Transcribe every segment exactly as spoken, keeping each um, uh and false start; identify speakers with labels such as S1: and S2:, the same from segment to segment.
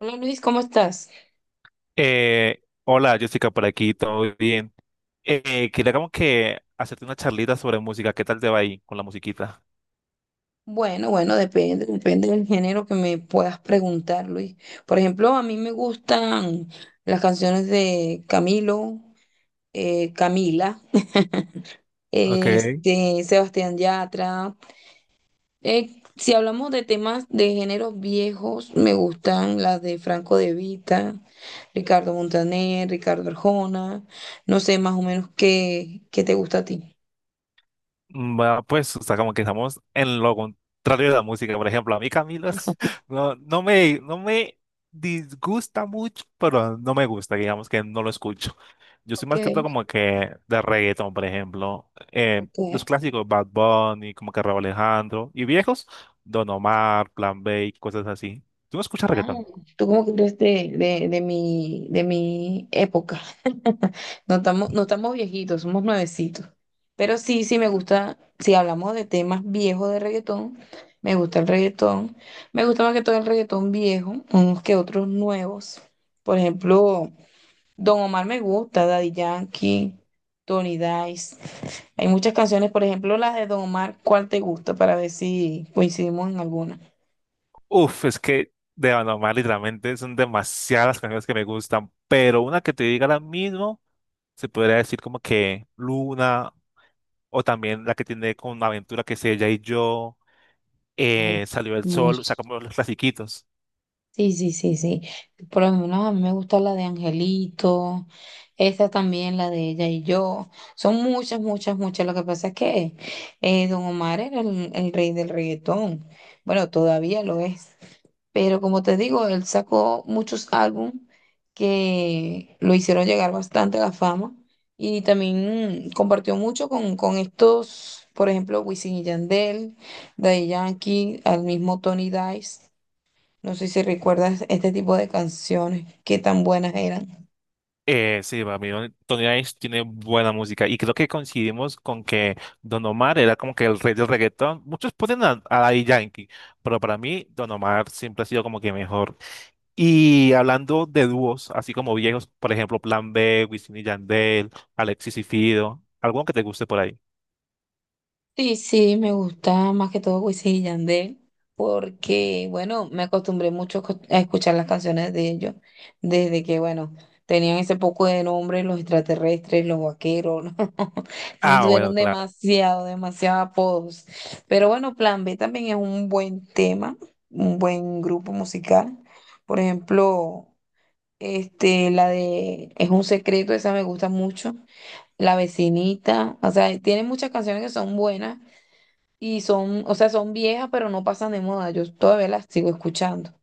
S1: Hola Luis, ¿cómo estás?
S2: Eh, hola, Jessica, por aquí, ¿todo bien? Eh, quería como que hacerte una charlita sobre música. ¿Qué tal te va ahí con la musiquita?
S1: Bueno, bueno, depende, depende del género que me puedas preguntar, Luis. Por ejemplo, a mí me gustan las canciones de Camilo, eh, Camila,
S2: Ok.
S1: este, Sebastián Yatra. Eh, si hablamos de temas de géneros viejos, me gustan las de Franco De Vita, Ricardo Montaner, Ricardo Arjona. No sé más o menos qué, qué te gusta a ti.
S2: Mm, Va, pues, o sea, como que estamos en lo contrario de la música. Por ejemplo, a mí Camilo no, no me, no me disgusta mucho, pero no me gusta, digamos que no lo escucho. Yo soy
S1: Ok,
S2: más que todo como que de reggaeton, por ejemplo. Eh, los
S1: ok.
S2: clásicos, Bad Bunny, como que Rauw Alejandro. Y viejos, Don Omar, Plan B, y cosas así. ¿Tú no escuchas
S1: Ah,
S2: reggaeton?
S1: tú como que eres de, de, de mi, de mi época. No estamos, no estamos viejitos, somos nuevecitos. Pero sí, sí me gusta, si hablamos de temas viejos de reggaetón, me gusta el reggaetón. Me gusta más que todo el reggaetón viejo, unos que otros nuevos. Por ejemplo, Don Omar me gusta, Daddy Yankee, Tony Dice. Hay muchas canciones, por ejemplo, las de Don Omar, ¿cuál te gusta? Para ver si coincidimos en alguna.
S2: Uf, es que de Anomar literalmente son demasiadas canciones que me gustan, pero una que te diga ahora mismo, se podría decir como que Luna, o también la que tiene con Aventura, que es ella y yo,
S1: Ay,
S2: eh, Salió el Sol, o
S1: hermoso.
S2: sea, como los clasiquitos.
S1: Sí, sí, sí, sí. Por lo menos a mí me gusta la de Angelito, esa también, la de ella y yo. Son muchas, muchas, muchas. Lo que pasa es que eh, Don Omar era el, el rey del reggaetón. Bueno, todavía lo es. Pero como te digo, él sacó muchos álbumes que lo hicieron llegar bastante a la fama. Y también mm, compartió mucho con, con estos, por ejemplo, Wisin y Yandel, Daddy Yankee, al mismo Tony Dice. No sé si recuerdas este tipo de canciones, qué tan buenas eran.
S2: Eh, sí, para mí Don- Tony Ice tiene buena música y creo que coincidimos con que Don Omar era como que el rey del reggaetón. Muchos ponen a, a Daddy Yankee, pero para mí Don Omar siempre ha sido como que mejor. Y hablando de dúos, así como viejos, por ejemplo, Plan B, Wisin y Yandel, Alexis y Fido, ¿alguno que te guste por ahí?
S1: Sí, sí, me gusta más que todo Wisin y Yandel, porque, bueno, me acostumbré mucho co- a escuchar las canciones de ellos, desde que, bueno, tenían ese poco de nombre los extraterrestres, los vaqueros, ¿no? Eso
S2: Ah,
S1: tuvieron
S2: bueno, claro.
S1: demasiado, demasiados apodos. Pero bueno, Plan B también es un buen tema, un buen grupo musical. Por ejemplo, este, la de Es un secreto, esa me gusta mucho. La vecinita, o sea, tiene muchas canciones que son buenas y son, o sea, son viejas, pero no pasan de moda. Yo todavía las sigo escuchando.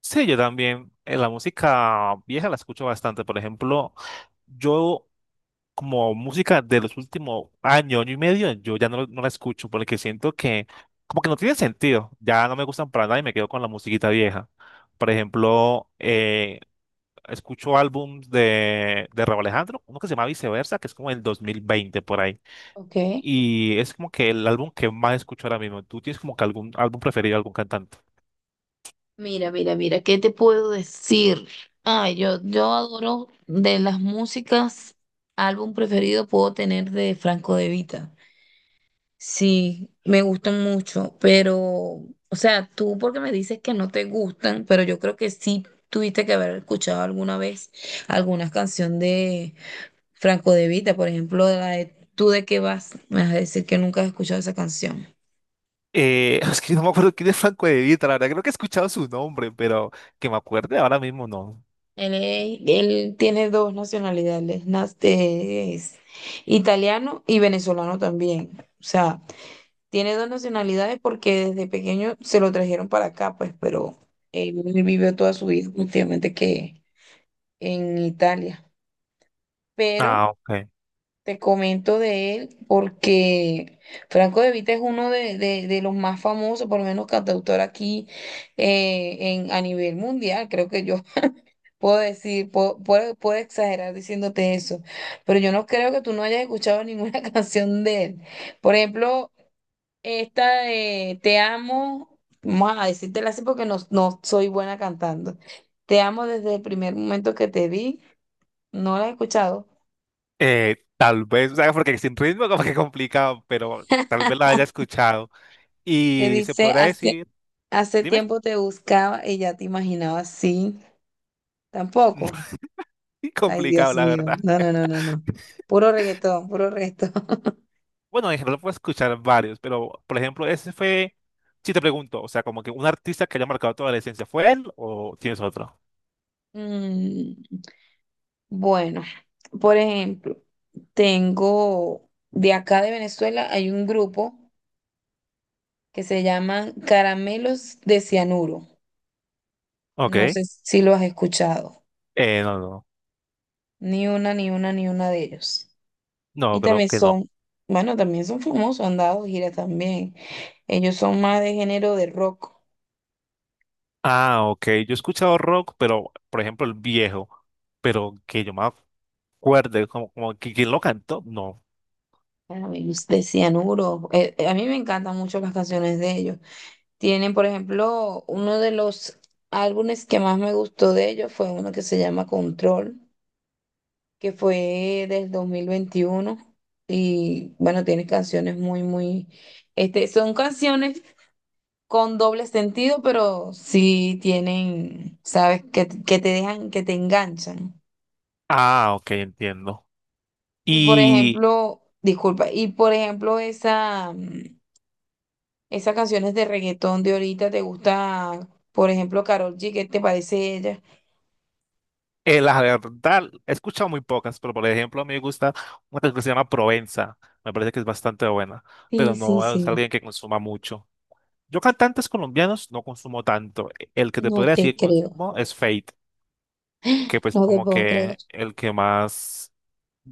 S2: Sí, yo también. Eh, la música vieja la escucho bastante. Por ejemplo, yo como música de los últimos años, año y medio, yo ya no, no la escucho porque siento que como que no tiene sentido. Ya no me gustan para nada y me quedo con la musiquita vieja. Por ejemplo, eh, escucho álbums de, de Raúl Alejandro, uno que se llama Viceversa, que es como el dos mil veinte por ahí.
S1: Ok.
S2: Y es como que el álbum que más escucho ahora mismo. ¿Tú tienes como que algún álbum preferido de algún cantante?
S1: Mira, mira, mira, ¿qué te puedo decir? Ay, yo, yo adoro de las músicas, álbum preferido puedo tener de Franco De Vita. Sí, me gustan mucho, pero, o sea, tú porque me dices que no te gustan, pero yo creo que sí tuviste que haber escuchado alguna vez alguna canción de Franco De Vita, por ejemplo, la de ¿Tú de qué vas? Me vas a decir que nunca has escuchado esa canción.
S2: Eh, es que no me acuerdo quién es Franco De Vita, la verdad creo que he escuchado su nombre, pero que me acuerde ahora mismo no.
S1: Él, es- él tiene dos nacionalidades, nas- eh, es italiano y venezolano también. O sea, tiene dos nacionalidades porque desde pequeño se lo trajeron para acá, pues, pero él vivió toda su vida últimamente que en Italia. Pero
S2: Ah, ok.
S1: te comento de él porque Franco De Vita es uno de, de- de los más famosos, por lo menos cantautor aquí eh, en, a nivel mundial. Creo que yo puedo decir, puedo, puedo- puedo exagerar diciéndote eso, pero yo no creo que tú no hayas escuchado ninguna canción de él. Por ejemplo, esta de Te amo, vamos a decírtela así porque no, no soy buena cantando. Te amo desde el primer momento que te vi, no la he escuchado.
S2: Eh, tal vez, o sea, porque sin ritmo como que complicado, pero tal vez la haya escuchado.
S1: Que
S2: Y se
S1: dice,
S2: podrá decir,
S1: hace
S2: dime,
S1: tiempo te buscaba y ya te imaginaba así. Tampoco. Ay,
S2: complicado
S1: Dios
S2: la
S1: mío.
S2: verdad.
S1: No, no, no, no, no. Puro reggaetón, puro reggaetón.
S2: Bueno, en general puedo escuchar varios, pero por ejemplo, ese fue, si te pregunto, o sea, como que un artista que haya marcado toda la esencia, ¿fue él o tienes otro?
S1: Mm, bueno, por ejemplo, tengo de acá de Venezuela hay un grupo que se llama Caramelos de Cianuro.
S2: Ok.
S1: No sé si lo has escuchado.
S2: Eh, no, no,
S1: Ni una, ni una, ni una de ellos. Y
S2: no, creo
S1: también
S2: que no.
S1: son, bueno, también son famosos, han dado giras también. Ellos son más de género de rock.
S2: Ah, ok. Yo he escuchado rock, pero por ejemplo, el viejo, pero que yo me acuerde, como, como que quién lo cantó, no.
S1: A ver, De Cianuro. Eh, eh, a mí me encantan mucho las canciones de ellos. Tienen, por ejemplo, uno de los álbumes que más me gustó de ellos fue uno que se llama Control, que fue del dos mil veintiuno. Y bueno, tiene canciones muy, muy, este, son canciones con doble sentido, pero sí tienen, sabes, que, que te dejan, que te enganchan.
S2: Ah, ok, entiendo.
S1: Y por
S2: Y
S1: ejemplo, disculpa, y por ejemplo, esa. mm, Esas canciones de reggaetón de ahorita, ¿te gusta, por ejemplo, Karol G? ¿Qué te parece ella?
S2: eh, la verdad, he escuchado muy pocas, pero por ejemplo, a mí me gusta una canción que se llama Provenza, me parece que es bastante buena,
S1: Sí,
S2: pero
S1: sí,
S2: no es
S1: sí.
S2: alguien que consuma mucho. Yo cantantes colombianos no consumo tanto. El que te
S1: No
S2: podría decir
S1: te
S2: que
S1: creo.
S2: consumo es Fate, que pues
S1: No te
S2: como
S1: puedo creer.
S2: que el que más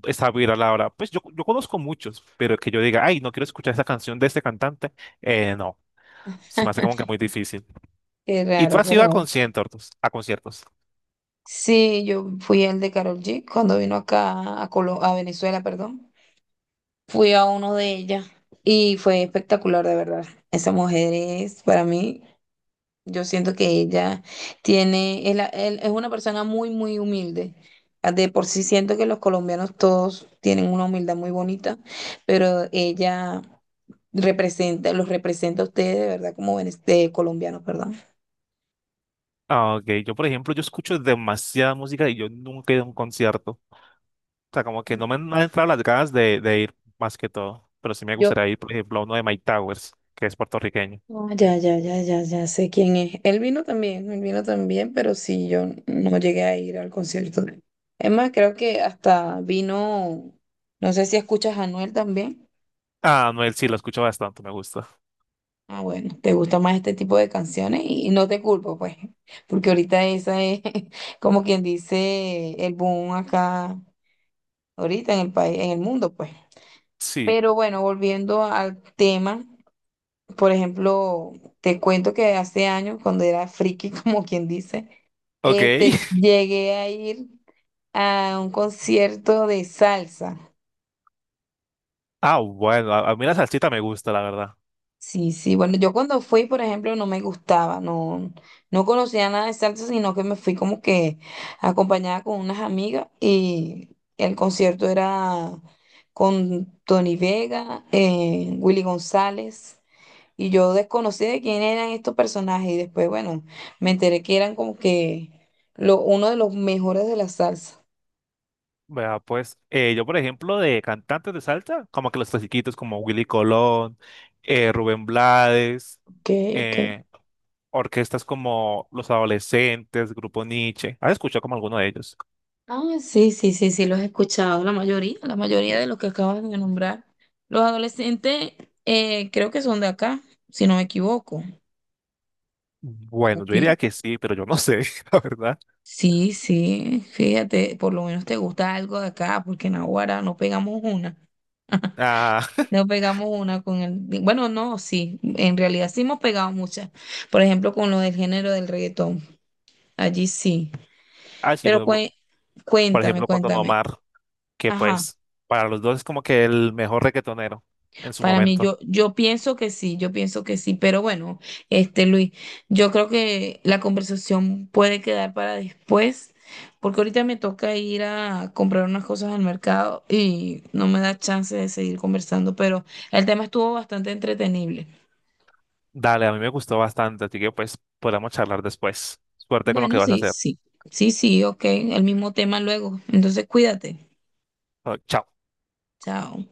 S2: está viral ahora. Pues yo, yo conozco muchos, pero que yo diga, ay, no quiero escuchar esa canción de este cantante, eh, no, se me hace como que muy difícil.
S1: Qué
S2: ¿Y tú
S1: raro, qué
S2: has ido a
S1: raro.
S2: conciertos? A conciertos.
S1: Sí, yo fui al de Karol G cuando vino acá a Colo- a Venezuela, perdón. Fui a uno de ellas y fue espectacular, de verdad. Esa mujer es para mí. Yo siento que ella tiene, es, la- él- es una persona muy, muy humilde. Ah, de por sí siento que los colombianos todos tienen una humildad muy bonita, pero ella representa, los representa a ustedes de verdad como vene- de colombianos, perdón.
S2: Ah, ok, yo por ejemplo, yo escucho demasiada música y yo nunca he ido a un concierto. O sea, como que no me han no han entrado las ganas de, de ir más que todo, pero sí me
S1: Yo,
S2: gustaría ir, por ejemplo, a uno de Mike Towers, que es puertorriqueño.
S1: ah, ya, ya, ya, ya, ya sé quién es. Él vino también, él vino también, pero sí, yo no llegué a ir al concierto de él. Es más, creo que hasta vino, no sé si escuchas a Anuel también.
S2: Ah, Noel, sí, lo escucho bastante, me gusta.
S1: Ah, bueno, te gusta más este tipo de canciones y, y no te culpo, pues, porque ahorita esa es como quien dice el boom acá, ahorita en el país, en el mundo, pues.
S2: Sí,
S1: Pero bueno, volviendo al tema, por ejemplo, te cuento que hace años, cuando era friki, como quien dice,
S2: ok.
S1: este, llegué a ir a un concierto de salsa.
S2: Ah, bueno, a, a mí la salsita me gusta, la verdad.
S1: Sí, sí, bueno, yo cuando fui, por ejemplo, no me gustaba, no, no conocía nada de salsa, sino que me fui como que acompañada con unas amigas y el concierto era con Tony Vega, eh, Willy González, y yo desconocí de quién eran estos personajes y después, bueno, me enteré que eran como que lo, uno de los mejores de la salsa.
S2: Vea, pues, eh, yo, por ejemplo, de cantantes de salsa, como que los clasiquitos como Willy Colón, eh, Rubén Blades,
S1: Ok, ok.
S2: eh, orquestas como Los Adolescentes, Grupo Nietzsche. ¿Has escuchado como alguno de ellos?
S1: Ah, sí, sí, sí, sí, los he escuchado, la mayoría, la mayoría de los que acabas de nombrar. Los adolescentes eh, creo que son de acá, si no me equivoco.
S2: Bueno, yo
S1: Ok.
S2: diría que sí, pero yo no sé, la verdad.
S1: Sí, sí, fíjate, por lo menos te gusta algo de acá, porque en Aguara no pegamos una.
S2: Ah,
S1: No pegamos una con el... Bueno, no, sí, en realidad sí hemos pegado muchas. Por ejemplo, con lo del género del reggaetón, allí sí.
S2: ah, sí,
S1: Pero
S2: bueno,
S1: cué-
S2: por
S1: cuéntame,
S2: ejemplo, con Don
S1: cuéntame.
S2: Omar, que
S1: Ajá.
S2: pues, para los dos es como que el mejor reggaetonero en su
S1: Para mí,
S2: momento.
S1: yo, yo pienso que sí, yo pienso que sí, pero bueno, este Luis, yo creo que la conversación puede quedar para después, porque ahorita me toca ir a comprar unas cosas al mercado y no me da chance de seguir conversando, pero el tema estuvo bastante entretenible.
S2: Dale, a mí me gustó bastante, así que pues podamos charlar después. Suerte con lo que
S1: Bueno,
S2: vas a
S1: sí,
S2: hacer.
S1: sí, sí, sí, ok, el mismo tema luego, entonces cuídate,
S2: Oh, chao.
S1: chao.